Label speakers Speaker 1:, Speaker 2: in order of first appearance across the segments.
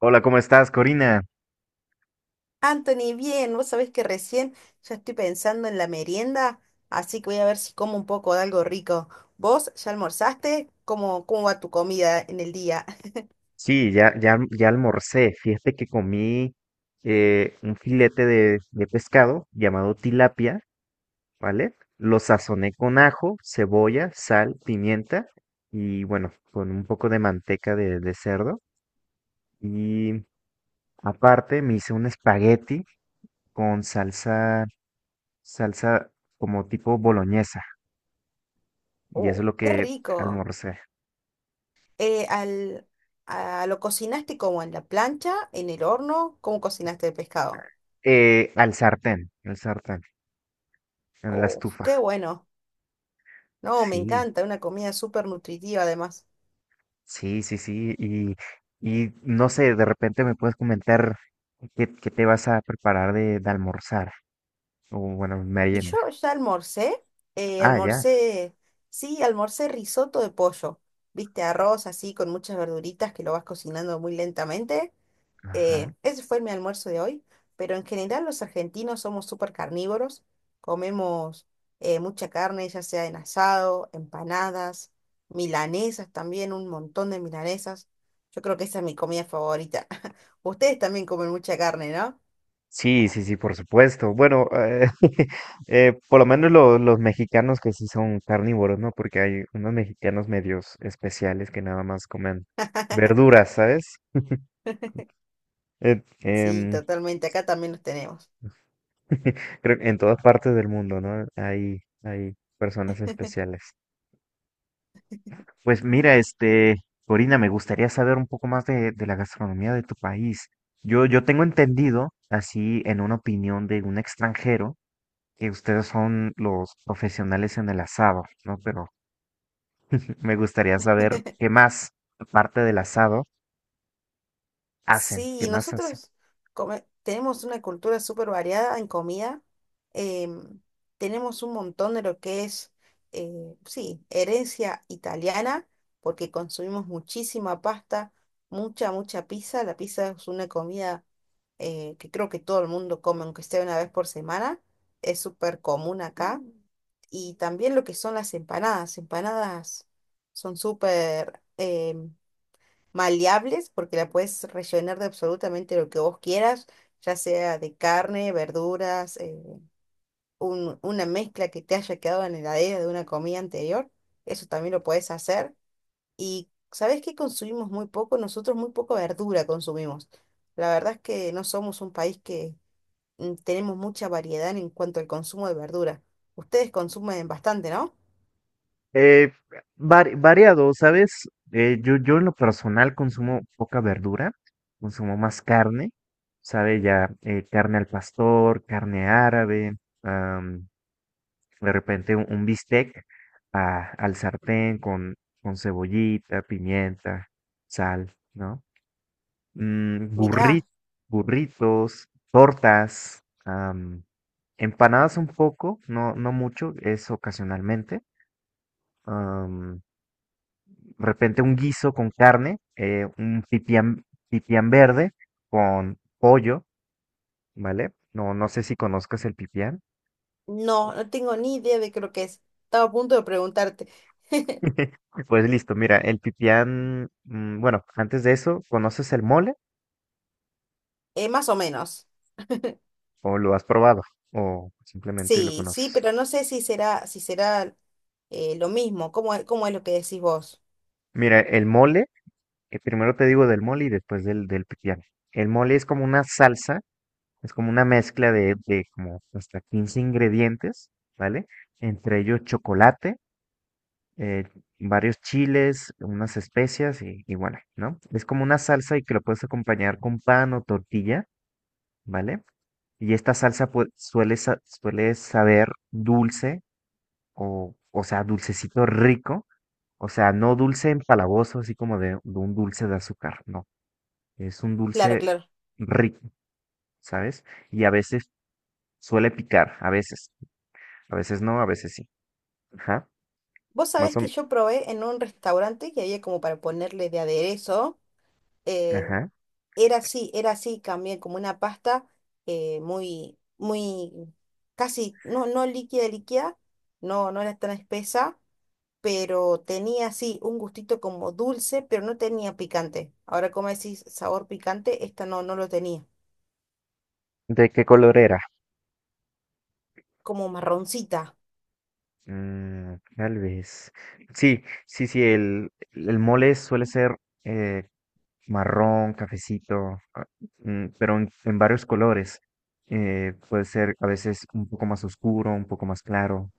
Speaker 1: Hola, ¿cómo estás, Corina?
Speaker 2: Anthony, bien, vos sabés que recién ya estoy pensando en la merienda, así que voy a ver si como un poco de algo rico. ¿Vos ya almorzaste? ¿Cómo va tu comida en el día?
Speaker 1: Sí, ya almorcé. Fíjate que comí un filete de pescado llamado tilapia, ¿vale? Lo sazoné con ajo, cebolla, sal, pimienta y bueno, con un poco de manteca de cerdo. Y aparte me hice un espagueti con salsa como tipo boloñesa. Y eso
Speaker 2: Oh,
Speaker 1: es lo
Speaker 2: qué
Speaker 1: que
Speaker 2: rico.
Speaker 1: almorcé.
Speaker 2: Eh, al, ¿Lo cocinaste como en la plancha, en el horno? ¿Cómo cocinaste el pescado?
Speaker 1: Al sartén, al sartén, en la
Speaker 2: Oh,
Speaker 1: estufa.
Speaker 2: qué bueno. No, me
Speaker 1: Sí.
Speaker 2: encanta, una comida súper nutritiva además.
Speaker 1: Sí, sí, sí, y no sé, de repente me puedes comentar qué te vas a preparar de almorzar, o bueno,
Speaker 2: Y yo
Speaker 1: merienda.
Speaker 2: ya almorcé, eh,
Speaker 1: Ah, ya,
Speaker 2: almorcé, sí, almorcé risotto de pollo, viste, arroz así con muchas verduritas que lo vas cocinando muy lentamente.
Speaker 1: ajá.
Speaker 2: Ese fue mi almuerzo de hoy, pero en general los argentinos somos súper carnívoros, comemos mucha carne, ya sea en asado, empanadas, milanesas también, un montón de milanesas. Yo creo que esa es mi comida favorita. Ustedes también comen mucha carne, ¿no?
Speaker 1: Sí, sí, sí, por supuesto. Bueno, por lo menos los mexicanos que sí son carnívoros, ¿no? Porque hay unos mexicanos medios especiales que nada más comen verduras, ¿sabes? Eh,
Speaker 2: Sí,
Speaker 1: em,
Speaker 2: totalmente, acá también los tenemos.
Speaker 1: creo que en todas partes del mundo, ¿no? Hay personas especiales. Pues mira, este, Corina, me gustaría saber un poco más de la gastronomía de tu país. Yo tengo entendido, así en una opinión de un extranjero, que ustedes son los profesionales en el asado, ¿no? Pero me gustaría saber qué más, aparte del asado, hacen,
Speaker 2: Sí,
Speaker 1: qué
Speaker 2: y
Speaker 1: más hacen.
Speaker 2: tenemos una cultura súper variada en comida. em, Tenemos un montón de lo que es, sí, herencia italiana, porque consumimos muchísima pasta, mucha, mucha pizza. La pizza es una comida que creo que todo el mundo come, aunque sea una vez por semana. Es súper común acá. Mm. Y también lo que son las empanadas. Empanadas son súper maleables porque la puedes rellenar de absolutamente lo que vos quieras, ya sea de carne, verduras, una mezcla que te haya quedado en la heladera de una comida anterior, eso también lo puedes hacer. Y ¿sabés qué consumimos muy poco? Nosotros muy poco verdura consumimos. La verdad es que no somos un país que mm, tenemos mucha variedad en cuanto al consumo de verdura. Ustedes consumen bastante, ¿no?
Speaker 1: Eh, Variado, ¿sabes? Yo en lo personal consumo poca verdura, consumo más carne, ¿sabe? Ya carne al pastor, carne árabe. De repente un bistec al sartén con cebollita, pimienta, sal, ¿no? Mm, burri-
Speaker 2: Mirá,
Speaker 1: Burritos, tortas, empanadas un poco, no, no mucho, es ocasionalmente. am, de repente un guiso con carne, un pipián, pipián verde con pollo, ¿vale? No, no sé si conozcas el pipián.
Speaker 2: no, no tengo ni idea de qué lo que es. Estaba a punto de preguntarte.
Speaker 1: Pues listo, mira, el pipián, mm, bueno, antes de eso, ¿conoces el mole
Speaker 2: Más o menos.
Speaker 1: o lo has probado o simplemente lo
Speaker 2: Sí, sí,
Speaker 1: conoces?
Speaker 2: pero no sé si será, si será lo mismo. Cómo es lo que decís vos?
Speaker 1: Mira, el mole, primero te digo del mole y después del pipián. El mole es como una salsa, es como una mezcla de como hasta 15 ingredientes, ¿vale? Entre ellos chocolate, eh, varios chiles, unas especias y bueno, ¿no? Es como una salsa y que lo puedes acompañar con pan o tortilla, ¿vale? Y esta salsa pues, suele saber dulce o sea, dulcecito rico. O sea, no dulce empalagoso, así como de un dulce de azúcar. No, es un
Speaker 2: Claro,
Speaker 1: dulce
Speaker 2: claro.
Speaker 1: rico, ¿sabes? Y a veces suele picar, a veces. A veces no, a veces sí. Ajá,
Speaker 2: Vos
Speaker 1: más
Speaker 2: sabés
Speaker 1: o
Speaker 2: que
Speaker 1: menos.
Speaker 2: yo probé en un restaurante que había como para ponerle de aderezo. eh,
Speaker 1: Ajá.
Speaker 2: Era así, era así también, como una pasta muy, casi, no, no líquida, líquida, no, no era tan espesa, pero tenía así un gustito como dulce, pero no tenía picante. Ahora, como decís, sabor picante, esta no, no lo tenía,
Speaker 1: ¿De qué color era?
Speaker 2: como marroncita.
Speaker 1: Mm, tal vez. Sí, sí, sí, el mole suele ser eh, marrón, cafecito, ah, mm, pero en varios colores. Puede ser a veces un poco más oscuro, un poco más claro,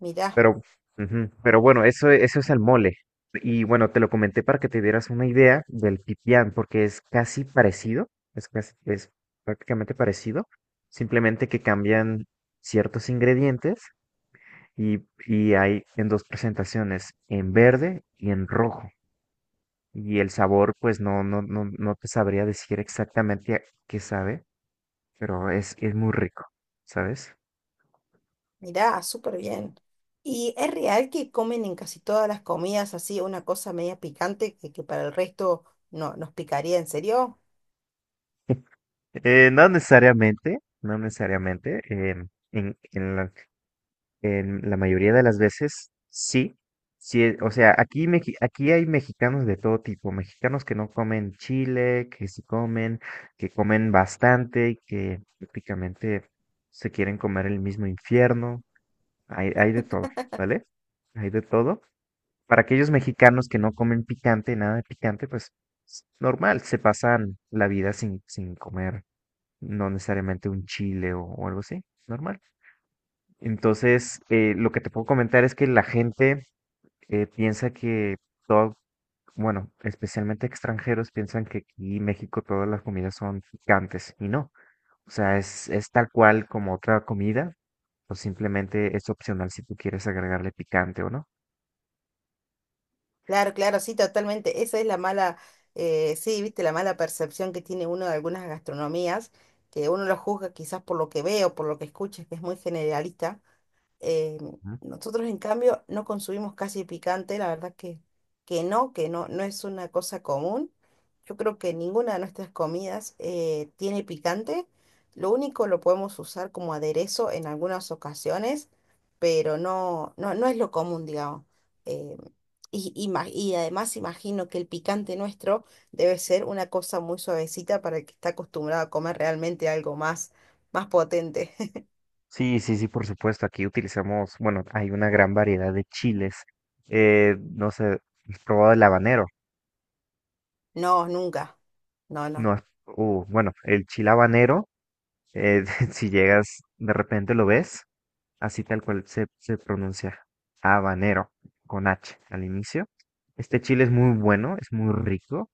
Speaker 2: Mirá,
Speaker 1: pero, ujú, pero bueno, eso es el mole. Y bueno, te lo comenté para que te dieras una idea del pipián, porque es casi parecido, es, es prácticamente parecido, simplemente que cambian ciertos ingredientes y, y hay en dos presentaciones, en verde y en rojo. Y el sabor, pues no, no, no, no te sabría decir exactamente a qué sabe, pero es muy rico, ¿sabes?
Speaker 2: mirá, súper bien. ¿Y es real que comen en casi todas las comidas así una cosa media picante que para el resto no nos picaría? ¿En serio?
Speaker 1: No necesariamente, no necesariamente. em, en, en la, en la mayoría de las veces, sí. Sí, o sea, aquí hay mexicanos de todo tipo, mexicanos que no comen chile, que sí comen, que comen bastante y que prácticamente se quieren comer el mismo infierno. Hay de todo, ¿vale? Hay de todo. Para aquellos mexicanos que no comen picante, nada de picante, pues es normal, se pasan la vida sin, sin comer, no necesariamente un chile o algo así, normal. Entonces, lo que te puedo comentar es que la gente piensa que todo, bueno, especialmente extranjeros piensan que aquí en México todas las comidas son picantes y no. O sea, es tal cual como otra comida, o simplemente es opcional si tú quieres agregarle picante o no.
Speaker 2: Claro, claro, sí, totalmente. Esa es la mala, Sí, viste, la mala percepción que tiene uno de algunas gastronomías, que uno lo juzga quizás por lo que ve o por lo que escucha, que es muy generalista. Eh, Nosotros, en cambio, no consumimos casi picante, la verdad que no, no es una cosa común. Yo creo que ninguna de nuestras comidas tiene picante. Lo único lo podemos usar como aderezo en algunas ocasiones, pero no, no, no es lo común, digamos. Eh, y además imagino que el picante nuestro debe ser una cosa muy suavecita para el que está acostumbrado a comer realmente algo más, más potente.
Speaker 1: Sí, sí, sí, por supuesto. Aquí utilizamos, bueno, hay una gran variedad de chiles. No sé, ¿has probado el habanero?
Speaker 2: No, nunca. No,
Speaker 1: No,
Speaker 2: no.
Speaker 1: bueno, el chile habanero, eh, si llegas, de repente lo ves, así tal cual se, se pronuncia, habanero, con H al inicio. Este chile es muy bueno, es muy rico.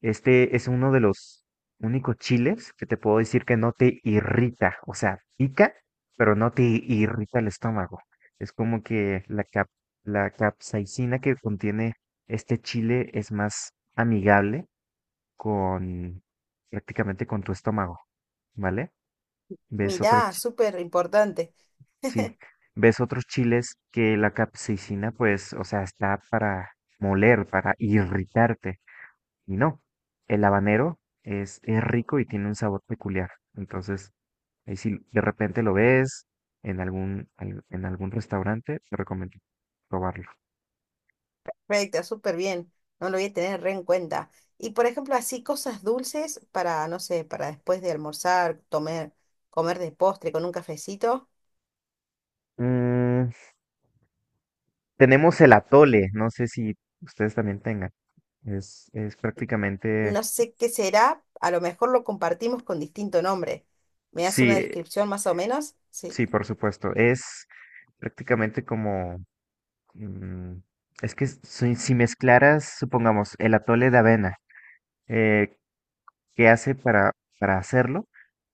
Speaker 1: Este es uno de los únicos chiles que te puedo decir que no te irrita, o sea, pica, pero no te irrita el estómago. Es como que la capsaicina que contiene este chile es más amigable con prácticamente con tu estómago, ¿vale? Ves otros,
Speaker 2: Mirá,
Speaker 1: chi-
Speaker 2: súper importante.
Speaker 1: sí, ves otros chiles que la capsaicina, pues, o sea, está para moler, para irritarte. Y no, el habanero es rico y tiene un sabor peculiar. Entonces, ahí si de repente lo ves en en algún restaurante, te recomiendo probarlo.
Speaker 2: Perfecto, súper bien. No lo voy a tener re en cuenta. Y por ejemplo, así cosas dulces para, no sé, para después de almorzar, comer, comer de postre con un cafecito.
Speaker 1: Mm, tenemos el atole, no sé si ustedes también tengan. Es prácticamente,
Speaker 2: No sé qué será, a lo mejor lo compartimos con distinto nombre. ¿Me das
Speaker 1: sí,
Speaker 2: una descripción más o menos? Sí.
Speaker 1: sí, por supuesto. Es prácticamente como, mm, es que si, si mezclaras, supongamos, el atole de avena, eh, ¿qué hace para hacerlo?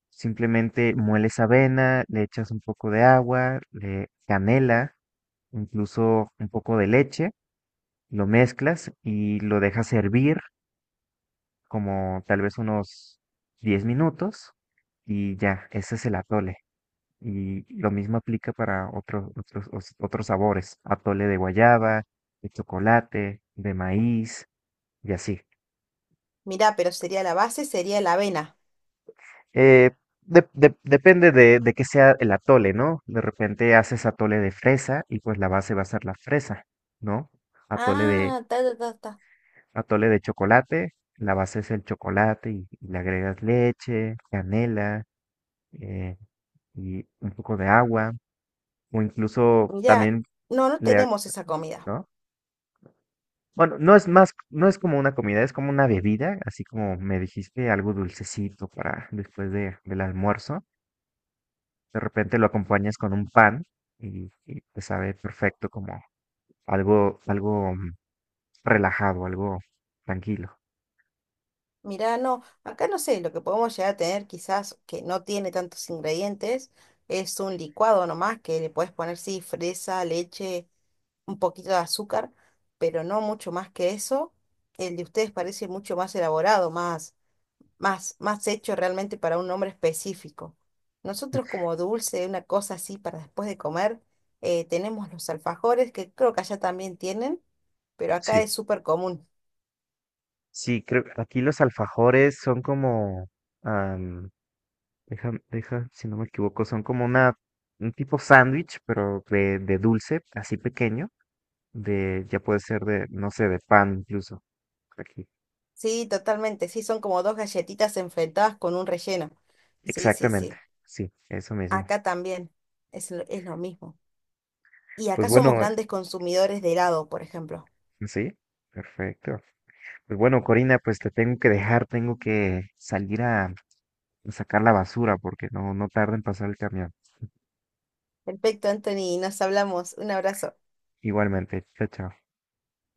Speaker 1: Simplemente mueles avena, le echas un poco de agua, le canela, incluso un poco de leche, lo mezclas y lo dejas hervir como tal vez unos 10 minutos y ya, ese es el atole. Y lo mismo aplica para otros sabores, atole de guayaba, de chocolate, de maíz y así.
Speaker 2: Mirá, pero sería la base, sería la avena.
Speaker 1: Eh, depende de qué sea el atole, ¿no? De repente haces atole de fresa y pues la base va a ser la fresa, ¿no? Atole de,
Speaker 2: Ah, ta, ta, ta, ta.
Speaker 1: atole de chocolate, la base es el chocolate y le agregas leche, canela eh, y un poco de agua o incluso
Speaker 2: Mirá,
Speaker 1: también
Speaker 2: no, no
Speaker 1: le, ag-
Speaker 2: tenemos esa comida.
Speaker 1: ¿no? Bueno, no es más, no es como una comida, es como una bebida, así como me dijiste, algo dulcecito para después de, del almuerzo. De repente lo acompañas con un pan y te sabe perfecto como algo, algo mm, relajado, algo tranquilo.
Speaker 2: Mirá, no, acá no sé, lo que podemos llegar a tener quizás que no tiene tantos ingredientes es un licuado nomás que le puedes poner, sí, fresa, leche, un poquito de azúcar, pero no mucho más que eso. El de ustedes parece mucho más elaborado, más, más, más hecho realmente para un nombre específico. Nosotros como dulce, una cosa así para después de comer, tenemos los alfajores que creo que allá también tienen, pero acá
Speaker 1: Sí,
Speaker 2: es súper común.
Speaker 1: sí, creo que aquí los alfajores son como, am, deja, deja, si no me equivoco, son como una, un tipo sándwich, pero de dulce, así pequeño, de, ya puede ser de, no sé, de pan incluso. Aquí.
Speaker 2: Sí, totalmente. Sí, son como dos galletitas enfrentadas con un relleno. Sí, sí,
Speaker 1: Exactamente,
Speaker 2: sí.
Speaker 1: sí, eso mismo.
Speaker 2: Acá también es lo mismo. Y
Speaker 1: Pues
Speaker 2: acá somos
Speaker 1: bueno,
Speaker 2: grandes consumidores de helado, por ejemplo.
Speaker 1: sí, perfecto. Pues bueno, Corina, pues te tengo que dejar, tengo que salir a sacar la basura porque no, no tarda en pasar el camión.
Speaker 2: Perfecto, Anthony. Nos hablamos. Un abrazo.
Speaker 1: Igualmente, chao, chao.